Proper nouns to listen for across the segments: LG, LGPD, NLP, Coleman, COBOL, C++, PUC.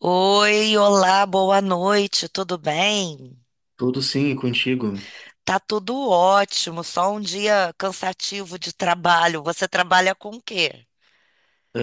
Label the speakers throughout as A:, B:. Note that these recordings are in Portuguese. A: Oi, olá, boa noite, tudo bem?
B: Tudo sim, e contigo.
A: Tá tudo ótimo, só um dia cansativo de trabalho. Você trabalha com o quê?
B: Ah,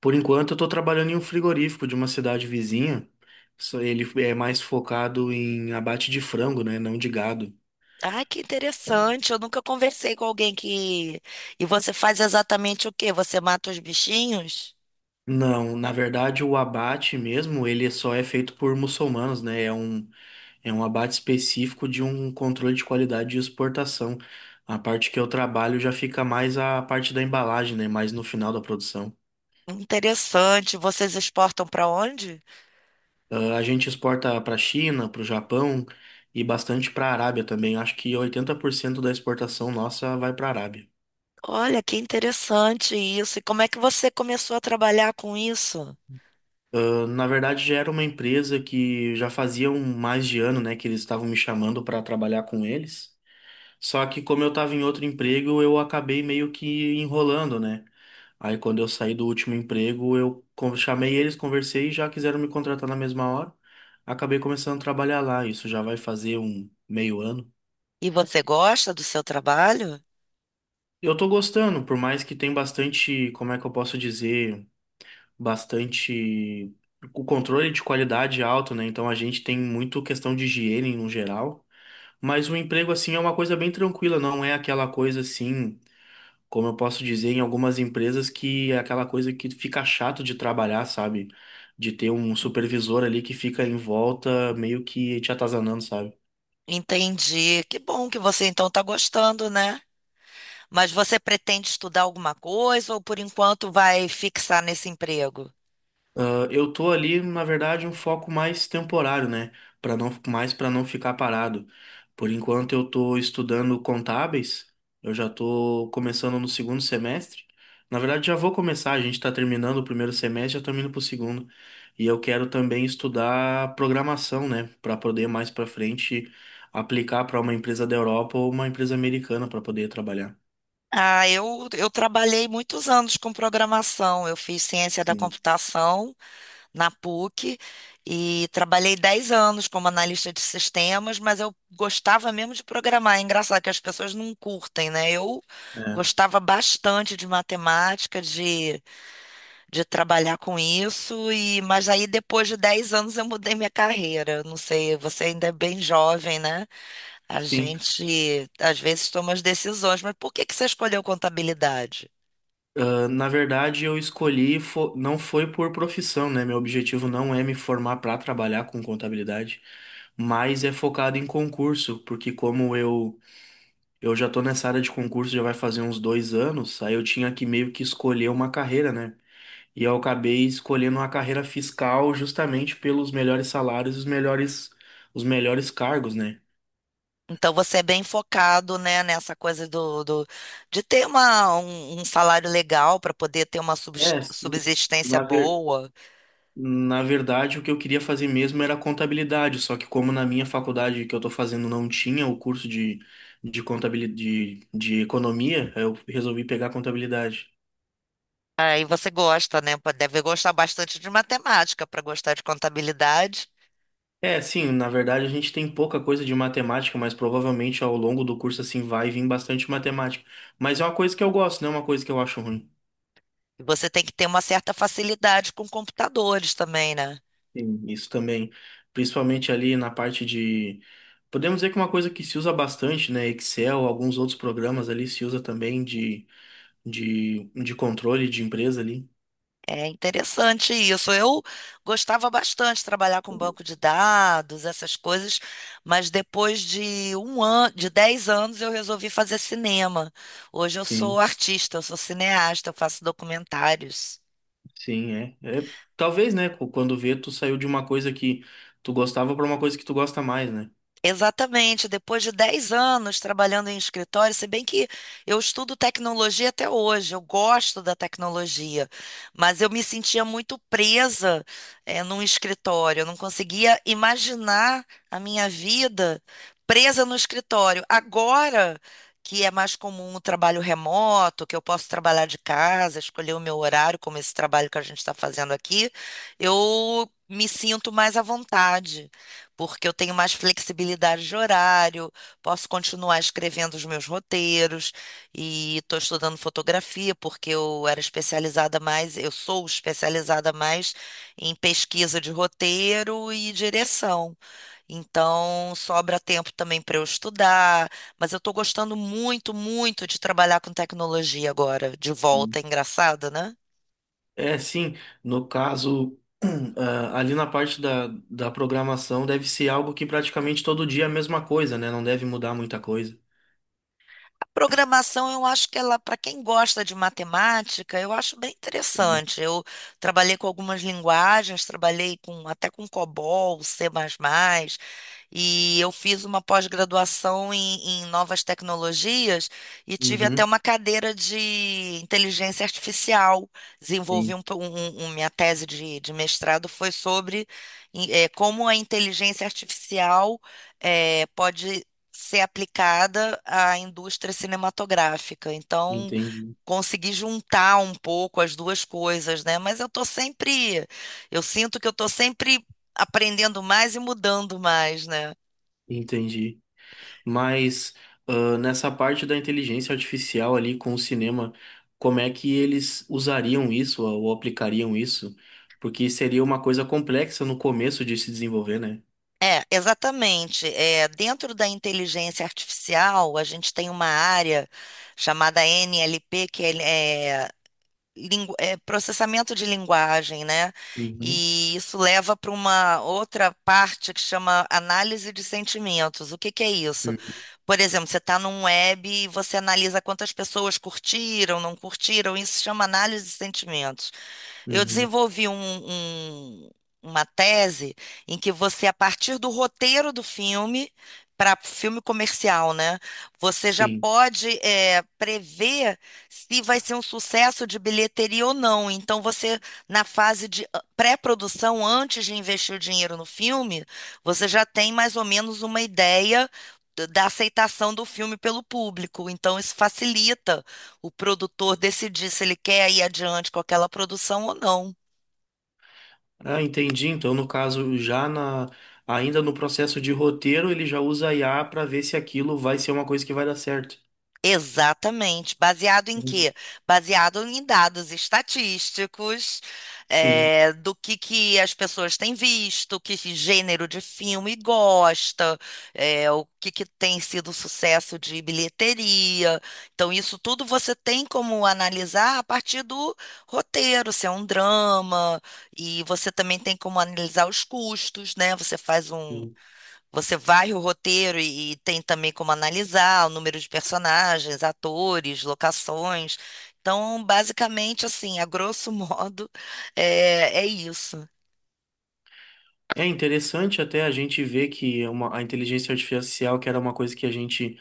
B: por enquanto, eu estou trabalhando em um frigorífico de uma cidade vizinha. Só ele é mais focado em abate de frango, né? Não de gado.
A: Ai, que interessante, eu nunca conversei com alguém que. E você faz exatamente o quê? Você mata os bichinhos?
B: Não, na verdade, o abate mesmo, ele só é feito por muçulmanos, né? É um abate específico de um controle de qualidade de exportação. A parte que eu trabalho já fica mais a parte da embalagem, né? Mais no final da produção.
A: Interessante, vocês exportam para onde?
B: A gente exporta para a China, para o Japão e bastante para a Arábia também. Acho que 80% da exportação nossa vai para a Arábia.
A: Olha, que interessante isso. E como é que você começou a trabalhar com isso?
B: Na verdade, já era uma empresa que já fazia um mais de ano, né, que eles estavam me chamando para trabalhar com eles. Só que como eu estava em outro emprego, eu acabei meio que enrolando, né? Aí quando eu saí do último emprego, chamei eles, conversei e já quiseram me contratar na mesma hora. Acabei começando a trabalhar lá. Isso já vai fazer um meio ano.
A: E você gosta do seu trabalho?
B: Eu tô gostando, por mais que tem bastante, como é que eu posso dizer, bastante o controle de qualidade alto, né? Então a gente tem muito questão de higiene no geral, mas o emprego assim é uma coisa bem tranquila, não é aquela coisa assim, como eu posso dizer em algumas empresas que é aquela coisa que fica chato de trabalhar, sabe? De ter um supervisor ali que fica em volta meio que te atazanando, sabe?
A: Entendi. Que bom que você então está gostando, né? Mas você pretende estudar alguma coisa ou por enquanto vai fixar nesse emprego?
B: Eu tô ali, na verdade, um foco mais temporário, né? Para não ficar parado. Por enquanto eu tô estudando contábeis. Eu já tô começando no segundo semestre. Na verdade, já vou começar, a gente tá terminando o primeiro semestre, já estamos indo pro segundo. E eu quero também estudar programação, né, para poder mais para frente aplicar para uma empresa da Europa ou uma empresa americana para poder trabalhar.
A: Ah, eu trabalhei muitos anos com programação. Eu fiz ciência da
B: Sim.
A: computação na PUC e trabalhei 10 anos como analista de sistemas, mas eu gostava mesmo de programar. É engraçado que as pessoas não curtem, né? Eu
B: É.
A: gostava bastante de matemática, de trabalhar com isso, e mas aí depois de 10 anos eu mudei minha carreira. Não sei, você ainda é bem jovem, né? A
B: Sim.
A: gente às vezes toma as decisões, mas por que que você escolheu contabilidade?
B: Ah, na verdade, não foi por profissão, né? Meu objetivo não é me formar para trabalhar com contabilidade, mas é focado em concurso, porque eu já tô nessa área de concurso já vai fazer uns dois anos, aí eu tinha que meio que escolher uma carreira, né? E eu acabei escolhendo uma carreira fiscal justamente pelos melhores salários, os melhores cargos, né?
A: Então você é bem focado, né, nessa coisa do de ter um salário legal para poder ter uma
B: É, sim.
A: subsistência
B: Na ver-
A: boa.
B: Na verdade, o que eu queria fazer mesmo era contabilidade, só que como na minha faculdade que eu estou fazendo não tinha o curso de contabilidade, de economia, eu resolvi pegar contabilidade.
A: Aí você gosta, né? Pô, deve gostar bastante de matemática para gostar de contabilidade.
B: É, sim, na verdade a gente tem pouca coisa de matemática, mas provavelmente ao longo do curso assim vai vir bastante matemática. Mas é uma coisa que eu gosto, não é uma coisa que eu acho ruim.
A: E você tem que ter uma certa facilidade com computadores também, né?
B: Sim, isso também, principalmente ali na parte de podemos dizer que uma coisa que se usa bastante, né, Excel, alguns outros programas ali se usa também de de controle de empresa ali.
A: É interessante isso. Eu gostava bastante de trabalhar com banco de dados, essas coisas, mas depois de um ano, de 10 anos, eu resolvi fazer cinema. Hoje eu sou
B: Sim,
A: artista, eu sou cineasta, eu faço documentários.
B: sim, é. É, talvez, né, quando vê, tu saiu de uma coisa que tu gostava pra uma coisa que tu gosta mais, né?
A: Exatamente, depois de 10 anos trabalhando em escritório, se bem que eu estudo tecnologia até hoje, eu gosto da tecnologia, mas eu me sentia muito presa, num escritório, eu não conseguia imaginar a minha vida presa no escritório. Agora que é mais comum o trabalho remoto, que eu posso trabalhar de casa, escolher o meu horário, como esse trabalho que a gente está fazendo aqui, eu me sinto mais à vontade porque eu tenho mais flexibilidade de horário, posso continuar escrevendo os meus roteiros e estou estudando fotografia porque eu era especializada mais, eu sou especializada mais em pesquisa de roteiro e direção. Então, sobra tempo também para eu estudar, mas eu estou gostando muito, muito de trabalhar com tecnologia agora, de
B: Sim.
A: volta, é engraçado, né?
B: É, sim, no caso, ali na parte da programação deve ser algo que praticamente todo dia é a mesma coisa, né? Não deve mudar muita coisa.
A: A programação, eu acho que ela, para quem gosta de matemática, eu acho bem
B: Sim.
A: interessante. Eu trabalhei com algumas linguagens, trabalhei com até com COBOL, C++, e eu fiz uma pós-graduação em novas tecnologias e tive até
B: Uhum,
A: uma cadeira de inteligência artificial. Desenvolvi
B: sim,
A: minha tese de mestrado foi sobre como a inteligência artificial pode ser aplicada à indústria cinematográfica. Então,
B: entendi,
A: consegui juntar um pouco as duas coisas, né? Mas eu sinto que eu tô sempre aprendendo mais e mudando mais, né?
B: entendi. Mas nessa parte da inteligência artificial ali com o cinema, como é que eles usariam isso ou aplicariam isso? Porque seria uma coisa complexa no começo de se desenvolver, né?
A: É, exatamente. É, dentro da inteligência artificial, a gente tem uma área chamada NLP, que é é processamento de linguagem, né?
B: Uhum.
A: E isso leva para uma outra parte que chama análise de sentimentos. O que que é isso?
B: Hum.
A: Por exemplo, você está num web e você analisa quantas pessoas curtiram, não curtiram, isso se chama análise de sentimentos. Eu
B: Uhum,
A: desenvolvi um- uma tese em que você, a partir do roteiro do filme, para filme comercial, né? Você já
B: sim.
A: pode prever se vai ser um sucesso de bilheteria ou não. Então, você, na fase de pré-produção, antes de investir o dinheiro no filme, você já tem mais ou menos uma ideia da aceitação do filme pelo público. Então, isso facilita o produtor decidir se ele quer ir adiante com aquela produção ou não.
B: Ah, entendi. Então, no caso, já na, ainda no processo de roteiro, ele já usa a IA para ver se aquilo vai ser uma coisa que vai dar certo.
A: Exatamente. Baseado em
B: Entendi.
A: quê? Baseado em dados estatísticos,
B: Sim.
A: é, do que as pessoas têm visto, que gênero de filme gosta, é, o que, que tem sido sucesso de bilheteria. Então, isso tudo você tem como analisar a partir do roteiro, se é um drama, e você também tem como analisar os custos, né? Você faz um Você varre o roteiro e tem também como analisar o número de personagens, atores, locações. Então, basicamente, assim, a grosso modo, é isso.
B: É interessante até a gente ver que é uma, a inteligência artificial, que era uma coisa que a gente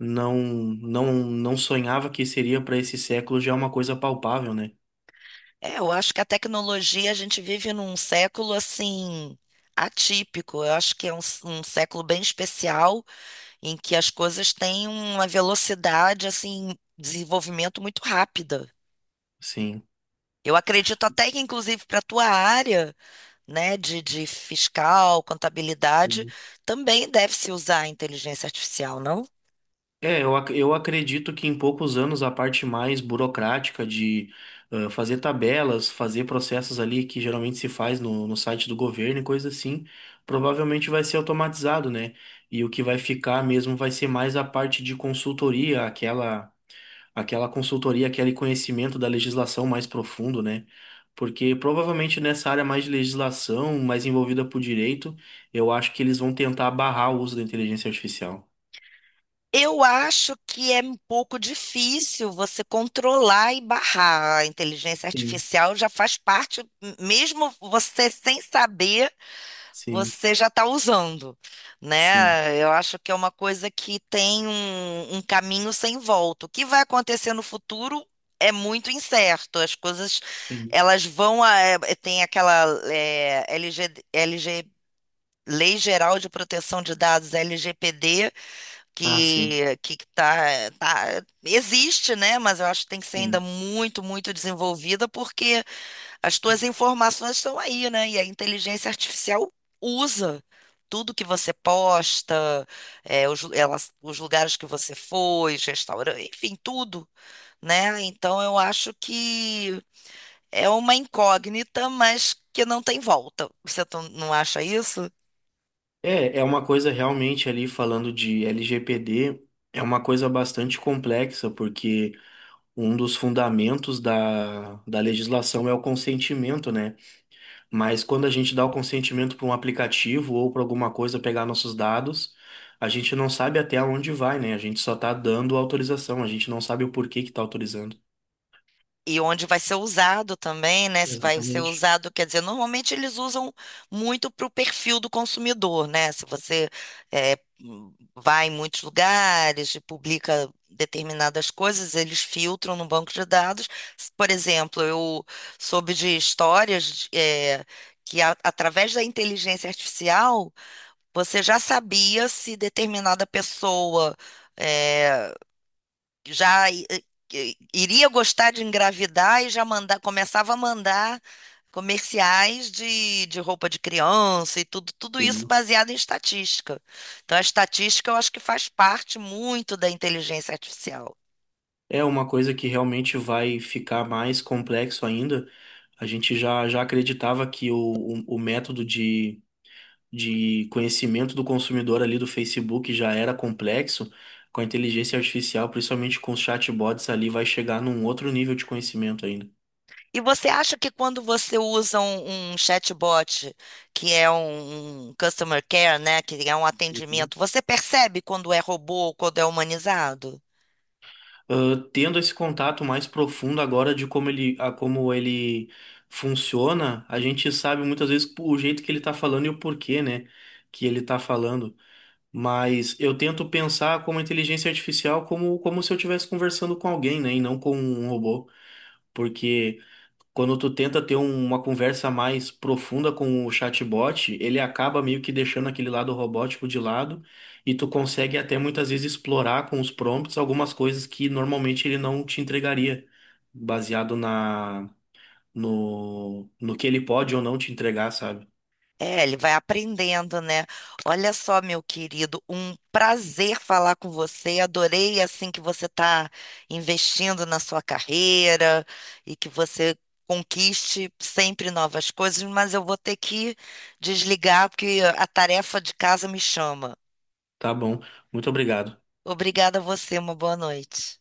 B: não não sonhava que seria para esse século, já é uma coisa palpável, né?
A: É, eu acho que a tecnologia, a gente vive num século, assim, atípico. Eu acho que é um século bem especial, em que as coisas têm uma velocidade, assim, desenvolvimento muito rápida.
B: Sim.
A: Eu acredito até que, inclusive, para a tua área, né, de fiscal, contabilidade,
B: Sim.
A: também deve-se usar a inteligência artificial, não?
B: É, eu acredito que em poucos anos a parte mais burocrática de fazer tabelas, fazer processos ali que geralmente se faz no site do governo e coisa assim, provavelmente vai ser automatizado, né? E o que vai ficar mesmo vai ser mais a parte de consultoria, aquela. Aquela consultoria, aquele conhecimento da legislação mais profundo, né? Porque provavelmente nessa área mais de legislação, mais envolvida por direito, eu acho que eles vão tentar barrar o uso da inteligência artificial.
A: Eu acho que é um pouco difícil você controlar e barrar. A inteligência
B: Sim,
A: artificial já faz parte, mesmo você sem saber,
B: sim,
A: você já está usando,
B: sim,
A: né? Eu acho que é uma coisa que tem um caminho sem volta. O que vai acontecer no futuro é muito incerto. As coisas,
B: sim.
A: elas vão a- é, tem aquela é, LG, LG, Lei Geral de Proteção de Dados, LGPD,
B: Ah, sim,
A: que existe, né? Mas eu acho que tem que ser ainda
B: sim.
A: muito, muito desenvolvida, porque as tuas informações estão aí, né? E a inteligência artificial usa tudo que você posta, os lugares que você foi, os restaurantes, enfim, tudo, né? Então eu acho que é uma incógnita, mas que não tem volta. Você não acha isso?
B: É, é uma coisa realmente ali falando de LGPD, é uma coisa bastante complexa, porque um dos fundamentos da legislação é o consentimento, né? Mas quando a gente dá o consentimento para um aplicativo ou para alguma coisa pegar nossos dados, a gente não sabe até onde vai, né? A gente só está dando autorização, a gente não sabe o porquê que está autorizando.
A: E onde vai ser usado também, né? Se vai ser
B: Exatamente.
A: usado, quer dizer, normalmente eles usam muito para o perfil do consumidor, né? Se você eh, vai em muitos lugares e publica determinadas coisas, eles filtram no banco de dados. Por exemplo, eu soube de histórias que através da inteligência artificial você já sabia se determinada pessoa eh, já iria gostar de engravidar e já começava a mandar comerciais de roupa de criança e tudo, tudo isso
B: Uhum.
A: baseado em estatística. Então, a estatística eu acho que faz parte muito da inteligência artificial.
B: É uma coisa que realmente vai ficar mais complexo ainda. A gente já, já acreditava que o método de conhecimento do consumidor ali do Facebook já era complexo. Com a inteligência artificial, principalmente com os chatbots ali, vai chegar num outro nível de conhecimento ainda.
A: E você acha que quando você usa um chatbot, que é um customer care, né, que é um atendimento, você percebe quando é robô ou quando é humanizado?
B: Ah, tendo esse contato mais profundo agora de como ele, a como ele funciona, a gente sabe muitas vezes o jeito que ele tá falando e o porquê, né, que ele tá falando. Mas eu tento pensar como a inteligência artificial como, como se eu estivesse conversando com alguém, né, e não com um robô. Porque quando tu tenta ter uma conversa mais profunda com o chatbot, ele acaba meio que deixando aquele lado robótico de lado e tu consegue até muitas vezes explorar com os prompts algumas coisas que normalmente ele não te entregaria, baseado na no que ele pode ou não te entregar, sabe?
A: É, ele vai aprendendo, né? Olha só, meu querido, um prazer falar com você. Adorei assim que você está investindo na sua carreira e que você conquiste sempre novas coisas, mas eu vou ter que desligar porque a tarefa de casa me chama.
B: Tá bom, muito obrigado.
A: Obrigada a você, uma boa noite.